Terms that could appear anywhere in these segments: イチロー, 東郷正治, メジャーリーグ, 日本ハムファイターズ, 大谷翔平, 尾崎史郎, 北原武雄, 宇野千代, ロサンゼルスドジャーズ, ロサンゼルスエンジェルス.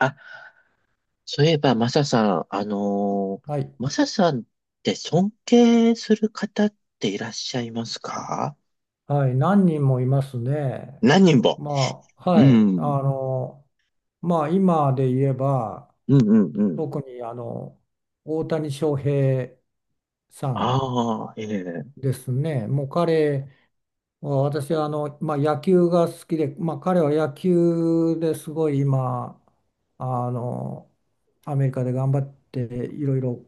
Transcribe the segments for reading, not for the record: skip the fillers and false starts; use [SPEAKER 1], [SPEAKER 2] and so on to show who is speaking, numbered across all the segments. [SPEAKER 1] あ、そういえば、マサさん、
[SPEAKER 2] はい、
[SPEAKER 1] マサさんって尊敬する方っていらっしゃいますか？
[SPEAKER 2] はい、何人もいますね。
[SPEAKER 1] 何人も。
[SPEAKER 2] まあ、
[SPEAKER 1] う
[SPEAKER 2] はい、
[SPEAKER 1] ん。
[SPEAKER 2] 今で言えば、
[SPEAKER 1] うんうんうん。
[SPEAKER 2] 特に大谷翔平さん
[SPEAKER 1] ああ、ええ、
[SPEAKER 2] ですね。もう彼は、私は野球が好きで、まあ、彼は野球ですごい今、あの、アメリカで頑張っていろいろ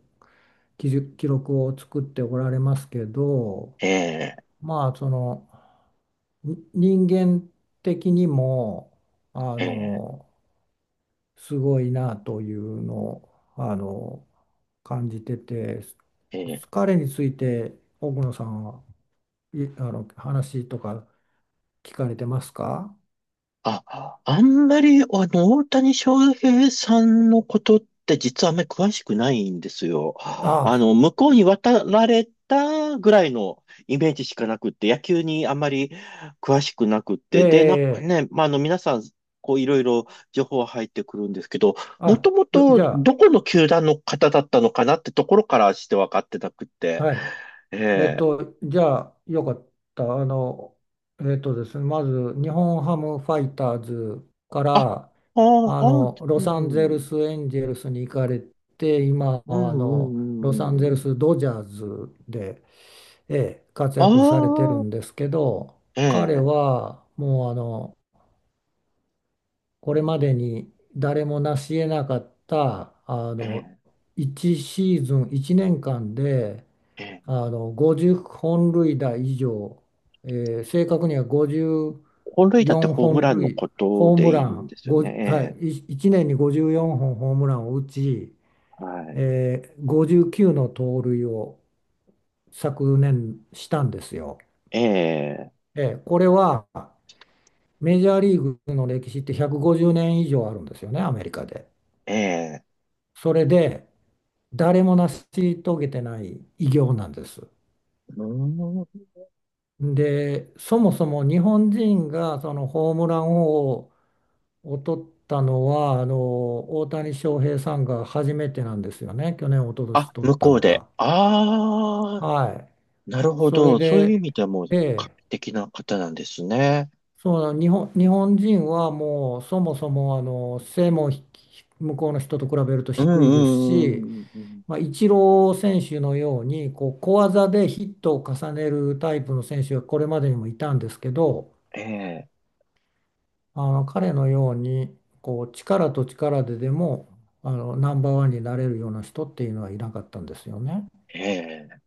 [SPEAKER 2] 記録を作っておられますけど、
[SPEAKER 1] ええ、
[SPEAKER 2] まあ、人間的にもあ
[SPEAKER 1] ええ、
[SPEAKER 2] のすごいなというのをあの感じてて、
[SPEAKER 1] ええ、
[SPEAKER 2] 彼について奥野さんはいあの話とか聞かれてますか？
[SPEAKER 1] あ、あんまり、大谷翔平さんのことって実はあんまり詳しくないんですよ。あ
[SPEAKER 2] あ、
[SPEAKER 1] の、向こうに渡られたぐらいのイメージしかなくって、野球にあんまり詳しくなくっ
[SPEAKER 2] え
[SPEAKER 1] て、で、なんか
[SPEAKER 2] ええ
[SPEAKER 1] ね、
[SPEAKER 2] え、
[SPEAKER 1] まあ、あの、皆さん、こう、いろいろ情報は入ってくるんですけど、も
[SPEAKER 2] あ、
[SPEAKER 1] ともと
[SPEAKER 2] じゃあ、
[SPEAKER 1] どこの球団の方だったのかなってところからして分かってなくって、
[SPEAKER 2] はい、
[SPEAKER 1] ええ、
[SPEAKER 2] じゃあ、よかった。あの、えっとですね、まず、日本ハムファイターズか
[SPEAKER 1] あ、あ
[SPEAKER 2] ら、
[SPEAKER 1] あ、うん、
[SPEAKER 2] ロ
[SPEAKER 1] う
[SPEAKER 2] サンゼル
[SPEAKER 1] ん、
[SPEAKER 2] スエンジェルスに行かれて、今、
[SPEAKER 1] うん、う
[SPEAKER 2] ロサンゼル
[SPEAKER 1] ん。うん、
[SPEAKER 2] スドジャーズで、ええ、活
[SPEAKER 1] あ
[SPEAKER 2] 躍されてる
[SPEAKER 1] あ、
[SPEAKER 2] んですけど、
[SPEAKER 1] え
[SPEAKER 2] 彼
[SPEAKER 1] え、
[SPEAKER 2] は、もう、これまでに誰も成し得なかった、
[SPEAKER 1] ええ、
[SPEAKER 2] 1シーズン、1年間で、
[SPEAKER 1] ええ。
[SPEAKER 2] 50本塁打以上、え正確には
[SPEAKER 1] 本塁打って
[SPEAKER 2] 54
[SPEAKER 1] ホーム
[SPEAKER 2] 本
[SPEAKER 1] ランの
[SPEAKER 2] 塁、
[SPEAKER 1] こと
[SPEAKER 2] ホー
[SPEAKER 1] で
[SPEAKER 2] ム
[SPEAKER 1] いい
[SPEAKER 2] ラ
[SPEAKER 1] ん
[SPEAKER 2] ン、
[SPEAKER 1] ですよ
[SPEAKER 2] 5は
[SPEAKER 1] ね？
[SPEAKER 2] い、1年に54本ホームランを打ち、
[SPEAKER 1] ええ、はい。
[SPEAKER 2] 59の盗塁を昨年したんですよ。
[SPEAKER 1] ええ、
[SPEAKER 2] これはメジャーリーグの歴史って150年以上あるんですよね、アメリカで。
[SPEAKER 1] ええ。
[SPEAKER 2] それで誰も成し遂げてない偉業なんです。
[SPEAKER 1] うーん。
[SPEAKER 2] で、そもそも日本人がそのホームラン王を取ったのは、大谷翔平さんが初めてなんですよね、去年、一昨年
[SPEAKER 1] あ、
[SPEAKER 2] 取っ
[SPEAKER 1] 向
[SPEAKER 2] た
[SPEAKER 1] こう
[SPEAKER 2] の
[SPEAKER 1] で。
[SPEAKER 2] が。
[SPEAKER 1] ああ、
[SPEAKER 2] はい、
[SPEAKER 1] なるほ
[SPEAKER 2] それ
[SPEAKER 1] ど。そういう意
[SPEAKER 2] で、
[SPEAKER 1] 味ではもう
[SPEAKER 2] え
[SPEAKER 1] 画期
[SPEAKER 2] え、
[SPEAKER 1] 的な方なんですね。
[SPEAKER 2] そうなの日本人はもうそもそも背も向こうの人と比べると
[SPEAKER 1] うん
[SPEAKER 2] 低いです
[SPEAKER 1] う
[SPEAKER 2] し、
[SPEAKER 1] んうんうん、
[SPEAKER 2] まあ、イチロー選手のようにこう小技でヒットを重ねるタイプの選手はこれまでにもいたんですけど。
[SPEAKER 1] ええ、
[SPEAKER 2] 彼のようにこう力と力でもナンバーワンになれるような人っていうのはいなかったんですよね。
[SPEAKER 1] ええ、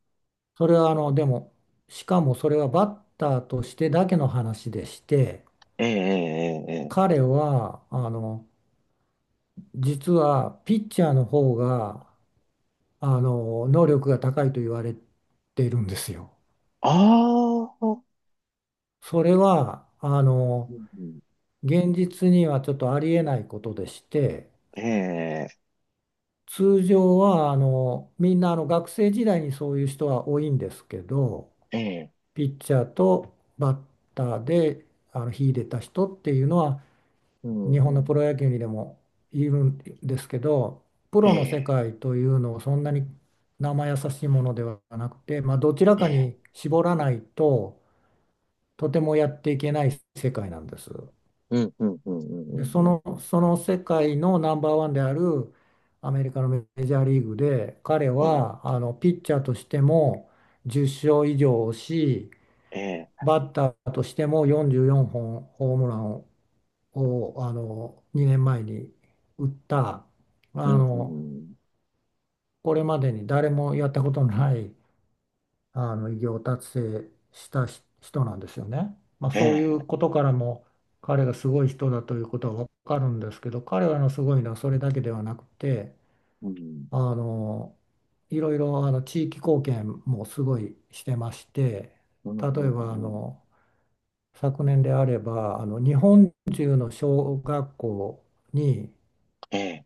[SPEAKER 2] それはあのでもしかもそれはバッターとしてだけの話でして、
[SPEAKER 1] ええ、ええ。ええ、
[SPEAKER 2] 彼は実はピッチャーの方が能力が高いと言われているんですよ。
[SPEAKER 1] ああ、うん、
[SPEAKER 2] それは
[SPEAKER 1] うん、
[SPEAKER 2] 現実にはちょっとありえないことでして。
[SPEAKER 1] ええ、
[SPEAKER 2] 通常はみんな学生時代にそういう人は多いんですけど、
[SPEAKER 1] ええ、
[SPEAKER 2] ピッチャーとバッターで秀でた人っていうのは
[SPEAKER 1] うん、
[SPEAKER 2] 日本
[SPEAKER 1] う
[SPEAKER 2] の
[SPEAKER 1] ん、
[SPEAKER 2] プロ野球にでもいるんですけど、プ
[SPEAKER 1] え
[SPEAKER 2] ロの世
[SPEAKER 1] え、
[SPEAKER 2] 界というのをそんなに生易しいものではなくて、まあ、どちら
[SPEAKER 1] え
[SPEAKER 2] か
[SPEAKER 1] え、
[SPEAKER 2] に絞らないととてもやっていけない世界なんです。
[SPEAKER 1] うんうんうんう
[SPEAKER 2] で、
[SPEAKER 1] んうん、
[SPEAKER 2] その世界のナンバーワンであるアメリカのメジャーリーグで、彼
[SPEAKER 1] うん。
[SPEAKER 2] はピッチャーとしても10勝以上をし、
[SPEAKER 1] ええ、
[SPEAKER 2] バッターとしても44本ホームランを、2年前に打った、
[SPEAKER 1] う
[SPEAKER 2] あ
[SPEAKER 1] ん、う
[SPEAKER 2] の
[SPEAKER 1] ん、
[SPEAKER 2] これまでに誰もやったことのない偉業達成した人なんですよね。まあ、
[SPEAKER 1] え
[SPEAKER 2] そうい
[SPEAKER 1] え、
[SPEAKER 2] うことからも彼がすごい人だということは分かるんですけど、彼らのすごいのはそれだけではなくて、
[SPEAKER 1] うん、
[SPEAKER 2] あのいろいろ地域貢献もすごいしてまして、
[SPEAKER 1] うん、うん、
[SPEAKER 2] 例えば
[SPEAKER 1] うん、
[SPEAKER 2] 昨年であれば日本中の小学校に、
[SPEAKER 1] ええ、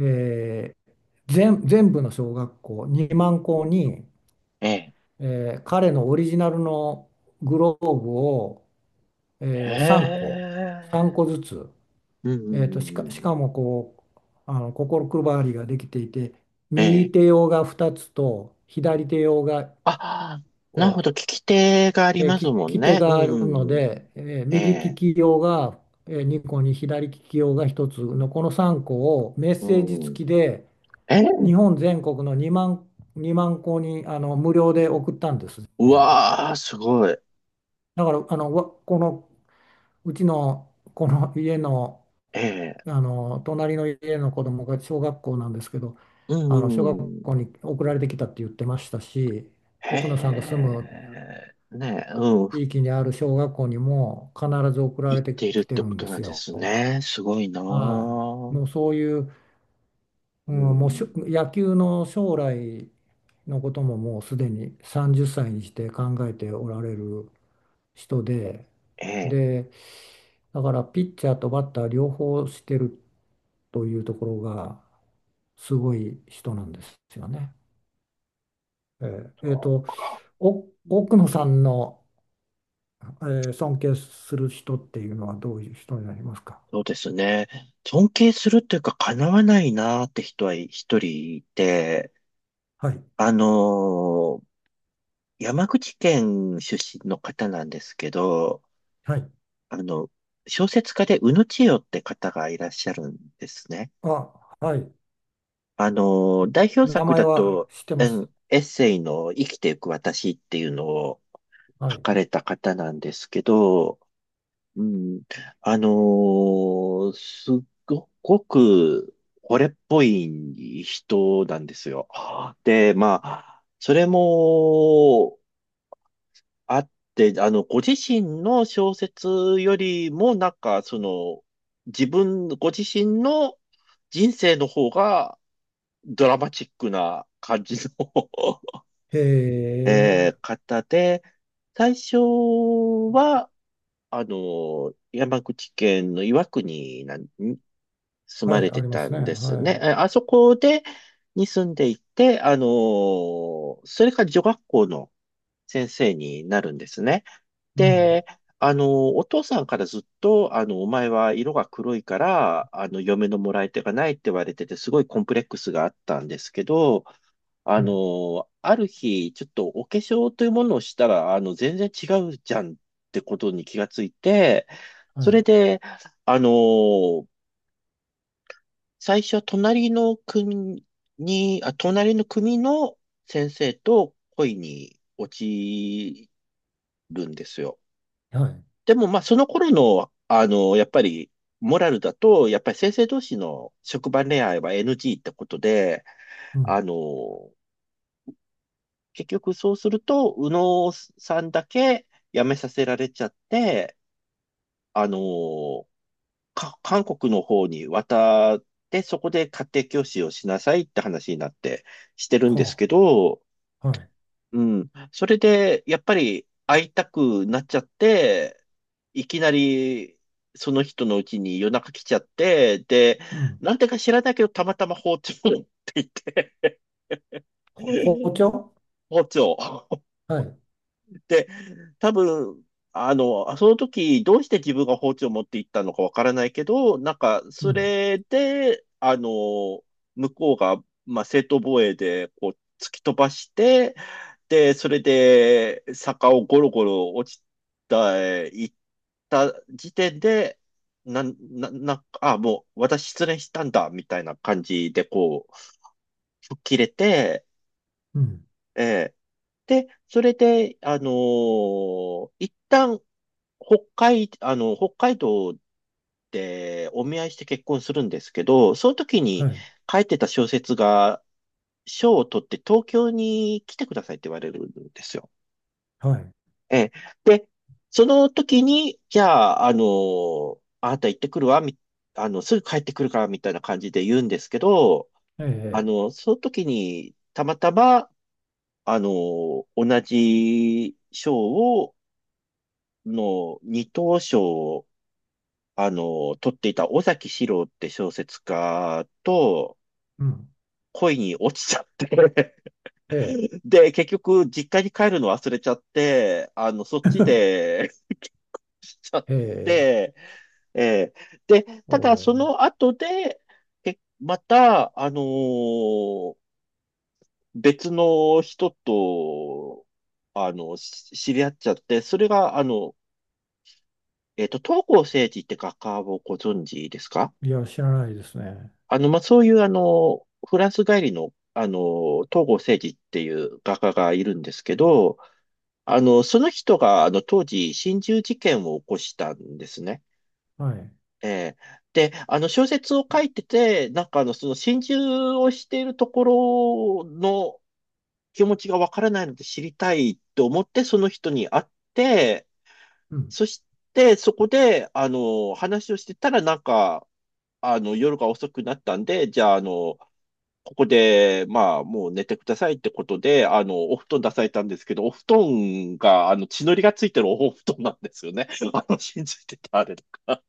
[SPEAKER 2] えー全部の小学校2万校に
[SPEAKER 1] ええ、
[SPEAKER 2] 彼のオリジナルのグローブを、
[SPEAKER 1] へ
[SPEAKER 2] 3個、3
[SPEAKER 1] え、
[SPEAKER 2] 個ずつ、
[SPEAKER 1] うん、うん、う
[SPEAKER 2] し
[SPEAKER 1] ん。
[SPEAKER 2] かもこう、心配りができていて、
[SPEAKER 1] え
[SPEAKER 2] 右
[SPEAKER 1] え。
[SPEAKER 2] 手用が2つと左手用が
[SPEAKER 1] あ、なる
[SPEAKER 2] を、
[SPEAKER 1] ほど。聞き手があり
[SPEAKER 2] えー
[SPEAKER 1] ます
[SPEAKER 2] 利
[SPEAKER 1] もん
[SPEAKER 2] き手
[SPEAKER 1] ね。う
[SPEAKER 2] があるの
[SPEAKER 1] ん、うん、
[SPEAKER 2] で、
[SPEAKER 1] え
[SPEAKER 2] 右利
[SPEAKER 1] え、
[SPEAKER 2] き用が、2個に左利き用が1つのこの3個をメッ
[SPEAKER 1] う
[SPEAKER 2] セージ
[SPEAKER 1] ん、
[SPEAKER 2] 付きで
[SPEAKER 1] ええ、うん。
[SPEAKER 2] 日
[SPEAKER 1] え、
[SPEAKER 2] 本全国の2万個に無料で送ったんです、
[SPEAKER 1] う
[SPEAKER 2] 全部。
[SPEAKER 1] わー、すごい。
[SPEAKER 2] だからこのうちのこの家の、
[SPEAKER 1] ええ、
[SPEAKER 2] 隣の家の子供が小学校なんですけど、
[SPEAKER 1] う
[SPEAKER 2] 小
[SPEAKER 1] ん、う
[SPEAKER 2] 学
[SPEAKER 1] ん。
[SPEAKER 2] 校に送られてきたって言ってましたし、奥野さんが
[SPEAKER 1] へ
[SPEAKER 2] 住む
[SPEAKER 1] え、ねえ、うん、
[SPEAKER 2] 地域にある小学校にも必ず送ら
[SPEAKER 1] 言っ
[SPEAKER 2] れて
[SPEAKER 1] ている
[SPEAKER 2] き
[SPEAKER 1] っ
[SPEAKER 2] て
[SPEAKER 1] て
[SPEAKER 2] る
[SPEAKER 1] こ
[SPEAKER 2] ん
[SPEAKER 1] と
[SPEAKER 2] で
[SPEAKER 1] な
[SPEAKER 2] す
[SPEAKER 1] んで
[SPEAKER 2] よ。
[SPEAKER 1] すね。すごいな
[SPEAKER 2] はい、
[SPEAKER 1] ー。
[SPEAKER 2] もうそういう、う
[SPEAKER 1] う
[SPEAKER 2] ん、もう
[SPEAKER 1] ん、
[SPEAKER 2] 野球の将来のことももうすでに30歳にして考えておられる人で、
[SPEAKER 1] ええ。
[SPEAKER 2] で、だからピッチャーとバッター両方してるというところがすごい人なんですよね。えーえーと、奥野さんの、尊敬する人っていうのはどういう人になりますか？
[SPEAKER 1] そうですね。尊敬するというか、叶わないなーって人は一人いて、
[SPEAKER 2] はい。
[SPEAKER 1] あのー山口県出身の方なんですけど、
[SPEAKER 2] はい。
[SPEAKER 1] あの、小説家で宇野千代って方がいらっしゃるんですね。
[SPEAKER 2] あ、はい。
[SPEAKER 1] あの代表
[SPEAKER 2] 名
[SPEAKER 1] 作
[SPEAKER 2] 前
[SPEAKER 1] だ
[SPEAKER 2] は
[SPEAKER 1] と、
[SPEAKER 2] 知ってま
[SPEAKER 1] う
[SPEAKER 2] す。
[SPEAKER 1] ん、エッセイの生きていく私っていうのを
[SPEAKER 2] は
[SPEAKER 1] 書
[SPEAKER 2] い。
[SPEAKER 1] かれた方なんですけど、うん。すっごく惚れっぽい人なんですよ。で、まあ、それもあって、あの、ご自身の小説よりも、なんか、その、自分、ご自身の人生の方がドラマチックな感じの、
[SPEAKER 2] へ
[SPEAKER 1] えー
[SPEAKER 2] え。
[SPEAKER 1] 方で、最初は、あの、山口県の岩国なんに住
[SPEAKER 2] は
[SPEAKER 1] ま
[SPEAKER 2] い、
[SPEAKER 1] れ
[SPEAKER 2] あ
[SPEAKER 1] て
[SPEAKER 2] りま
[SPEAKER 1] た
[SPEAKER 2] すね。
[SPEAKER 1] んです
[SPEAKER 2] は
[SPEAKER 1] ね。え
[SPEAKER 2] い。
[SPEAKER 1] あそこで、に住んでいて、あの、それから女学校の先生になるんですね。
[SPEAKER 2] うん。
[SPEAKER 1] で、あの、お父さんからずっと、あの、お前は色が黒いから、あの、嫁のもらい手がないって言われてて、すごいコンプレックスがあったんですけど、あ
[SPEAKER 2] はい。
[SPEAKER 1] の、ある日、ちょっとお化粧というものをしたら、あの、全然違うじゃんってことに気がついて、
[SPEAKER 2] は
[SPEAKER 1] それ
[SPEAKER 2] い。
[SPEAKER 1] で、あの、最初は隣の組に、あ、隣の組の先生と恋に落ちるんですよ。
[SPEAKER 2] はい。
[SPEAKER 1] でも、まあ、その頃の、あの、やっぱり、モラルだと、やっぱり先生同士の職場恋愛は NG ってことで、
[SPEAKER 2] う
[SPEAKER 1] あ
[SPEAKER 2] ん。
[SPEAKER 1] の、結局そうすると、右脳さんだけ辞めさせられちゃって、あのーか、韓国の方に渡って、そこで家庭教師をしなさいって話になってしてるんです
[SPEAKER 2] は
[SPEAKER 1] けど、
[SPEAKER 2] あ。はい。
[SPEAKER 1] うん。それで、やっぱり会いたくなっちゃって、いきなり、その人のうちに夜中来ちゃって、で、
[SPEAKER 2] うん。
[SPEAKER 1] なんでか知らないけど、たまたま包丁を持っていて、
[SPEAKER 2] ほ包 丁。
[SPEAKER 1] 包丁。
[SPEAKER 2] はい。
[SPEAKER 1] で、多分、あの、あその時、どうして自分が包丁を持って行ったのかわからないけど、なんか、
[SPEAKER 2] う
[SPEAKER 1] そ
[SPEAKER 2] ん。
[SPEAKER 1] れで、あの、向こうが、まあ、正当防衛で、こう、突き飛ばして、で、それで、坂をゴロゴロ落ちた、行った時点で、なん、な、な、あ、もう、私失恋したんだ、みたいな感じで、こう、吹っ切れて、
[SPEAKER 2] うん。
[SPEAKER 1] えーで、それで、一旦、北海、あの、北海道でお見合いして結婚するんですけど、その時
[SPEAKER 2] は
[SPEAKER 1] に
[SPEAKER 2] い。
[SPEAKER 1] 書いてた小説が、賞を取って東京に来てくださいって言われるんですよ。
[SPEAKER 2] はい。
[SPEAKER 1] ええ。で、その時に、じゃあ、あの、あなた行ってくるわ、み、あの、すぐ帰ってくるから、みたいな感じで言うんですけど、
[SPEAKER 2] え
[SPEAKER 1] あ
[SPEAKER 2] え。
[SPEAKER 1] の、その時に、たまたま、あの、同じ賞を、の二等賞を、あの、取っていた尾崎史郎って小説家と
[SPEAKER 2] うん。
[SPEAKER 1] 恋に落ちちゃって、
[SPEAKER 2] ええ。
[SPEAKER 1] で、結局実家に帰るの忘れちゃって、あの、そっち で ちゃっ
[SPEAKER 2] へえ、
[SPEAKER 1] て、えーで、
[SPEAKER 2] お
[SPEAKER 1] ただそ
[SPEAKER 2] う、
[SPEAKER 1] の後で、けまた、別の人と、あの、し知り合っちゃって、それが、あの、えっと、東郷政治って画家をご存知ですか？
[SPEAKER 2] いや、知らないですね。
[SPEAKER 1] あの、まあ、そういう、あの、フランス帰りの、あの、東郷正治っていう画家がいるんですけど、あの、その人が、あの、当時、心中事件を起こしたんですね。
[SPEAKER 2] はい。
[SPEAKER 1] ええ、で、あの、小説を書いてて、なんか、あの、その心中をしているところの気持ちがわからないので知りたいと思って、その人に会って、
[SPEAKER 2] うん、
[SPEAKER 1] そして、そこで、あの、話をしてたら、なんか、あの、夜が遅くなったんで、じゃあ、あの、ここで、まあ、もう寝てくださいってことで、あの、お布団出されたんですけど、お布団が、あの、血のりがついてるお布団なんですよね。あの、信じてたあれとか。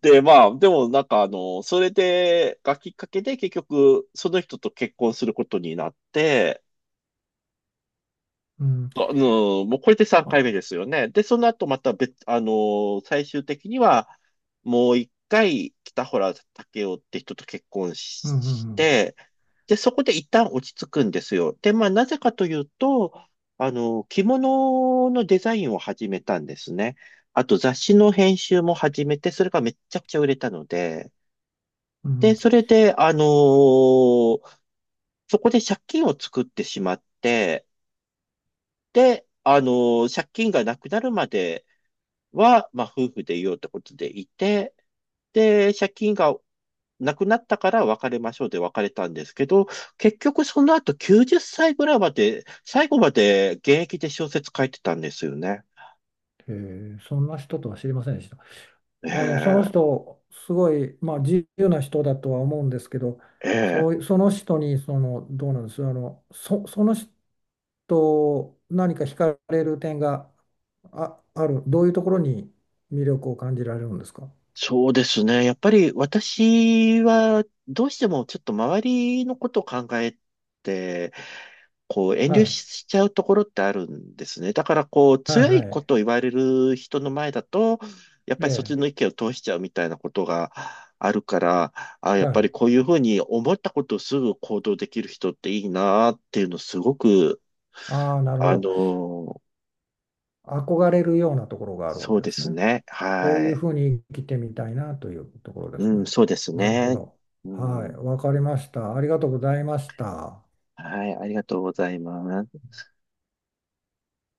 [SPEAKER 1] で、まあ、でもなんか、あの、それで、がきっかけで、結局、その人と結婚することになって、
[SPEAKER 2] うん。
[SPEAKER 1] うん、もうこれで3回目
[SPEAKER 2] あ、
[SPEAKER 1] ですよね。で、その後また別、最終的には、もう一回、北原武雄って人と結婚し
[SPEAKER 2] うん、う
[SPEAKER 1] し
[SPEAKER 2] ん、うん。
[SPEAKER 1] て、で、そこで一旦落ち着くんですよ。で、まあ、なぜかというと、あの、着物のデザインを始めたんですね。あと、雑誌の編集も始めて、それがめちゃくちゃ売れたので、
[SPEAKER 2] う
[SPEAKER 1] で、
[SPEAKER 2] ん、
[SPEAKER 1] それで、そこで借金を作ってしまって、で、あの、借金がなくなるまでは、まあ、夫婦でいようってことでいて、で、借金がなくなったから別れましょうで別れたんですけど、結局その後90歳ぐらいまで、最後まで現役で小説書いてたんですよね。
[SPEAKER 2] へえ、そんな人とは知りませんでした。
[SPEAKER 1] え
[SPEAKER 2] あの、その
[SPEAKER 1] え、
[SPEAKER 2] 人、すごい、まあ、自由な人だとは思うんですけど、
[SPEAKER 1] ええ。
[SPEAKER 2] そう、その人に、その、どうなんです、あの、その人、何か惹かれる点が、ある、どういうところに魅力を感じられるんですか？
[SPEAKER 1] そうですね。やっぱり私はどうしてもちょっと周りのことを考えて、こう遠
[SPEAKER 2] は
[SPEAKER 1] 慮
[SPEAKER 2] い、
[SPEAKER 1] しちゃうところってあるんですね。だからこう
[SPEAKER 2] はい、
[SPEAKER 1] 強い
[SPEAKER 2] は
[SPEAKER 1] こ
[SPEAKER 2] い。
[SPEAKER 1] とを言われる人の前だと、やっ
[SPEAKER 2] え
[SPEAKER 1] ぱりそっち
[SPEAKER 2] え、
[SPEAKER 1] の意見を通しちゃうみたいなことがあるから、あ、やっ
[SPEAKER 2] は
[SPEAKER 1] ぱり
[SPEAKER 2] い。
[SPEAKER 1] こういうふうに思ったことをすぐ行動できる人っていいなっていうのすごく、
[SPEAKER 2] ああ、なるほ
[SPEAKER 1] あの
[SPEAKER 2] ど。
[SPEAKER 1] ー
[SPEAKER 2] 憧れるようなところがあるわ
[SPEAKER 1] そう
[SPEAKER 2] けで
[SPEAKER 1] で
[SPEAKER 2] す
[SPEAKER 1] す
[SPEAKER 2] ね。
[SPEAKER 1] ね。
[SPEAKER 2] こう
[SPEAKER 1] は
[SPEAKER 2] いう
[SPEAKER 1] い。
[SPEAKER 2] ふうに生きてみたいなというところで
[SPEAKER 1] う
[SPEAKER 2] す
[SPEAKER 1] ん、
[SPEAKER 2] ね。
[SPEAKER 1] そうです
[SPEAKER 2] なるほ
[SPEAKER 1] ね。
[SPEAKER 2] ど。
[SPEAKER 1] う
[SPEAKER 2] はい、
[SPEAKER 1] ん、
[SPEAKER 2] わかりました。ありがとうございました。
[SPEAKER 1] はい、ありがとうございます。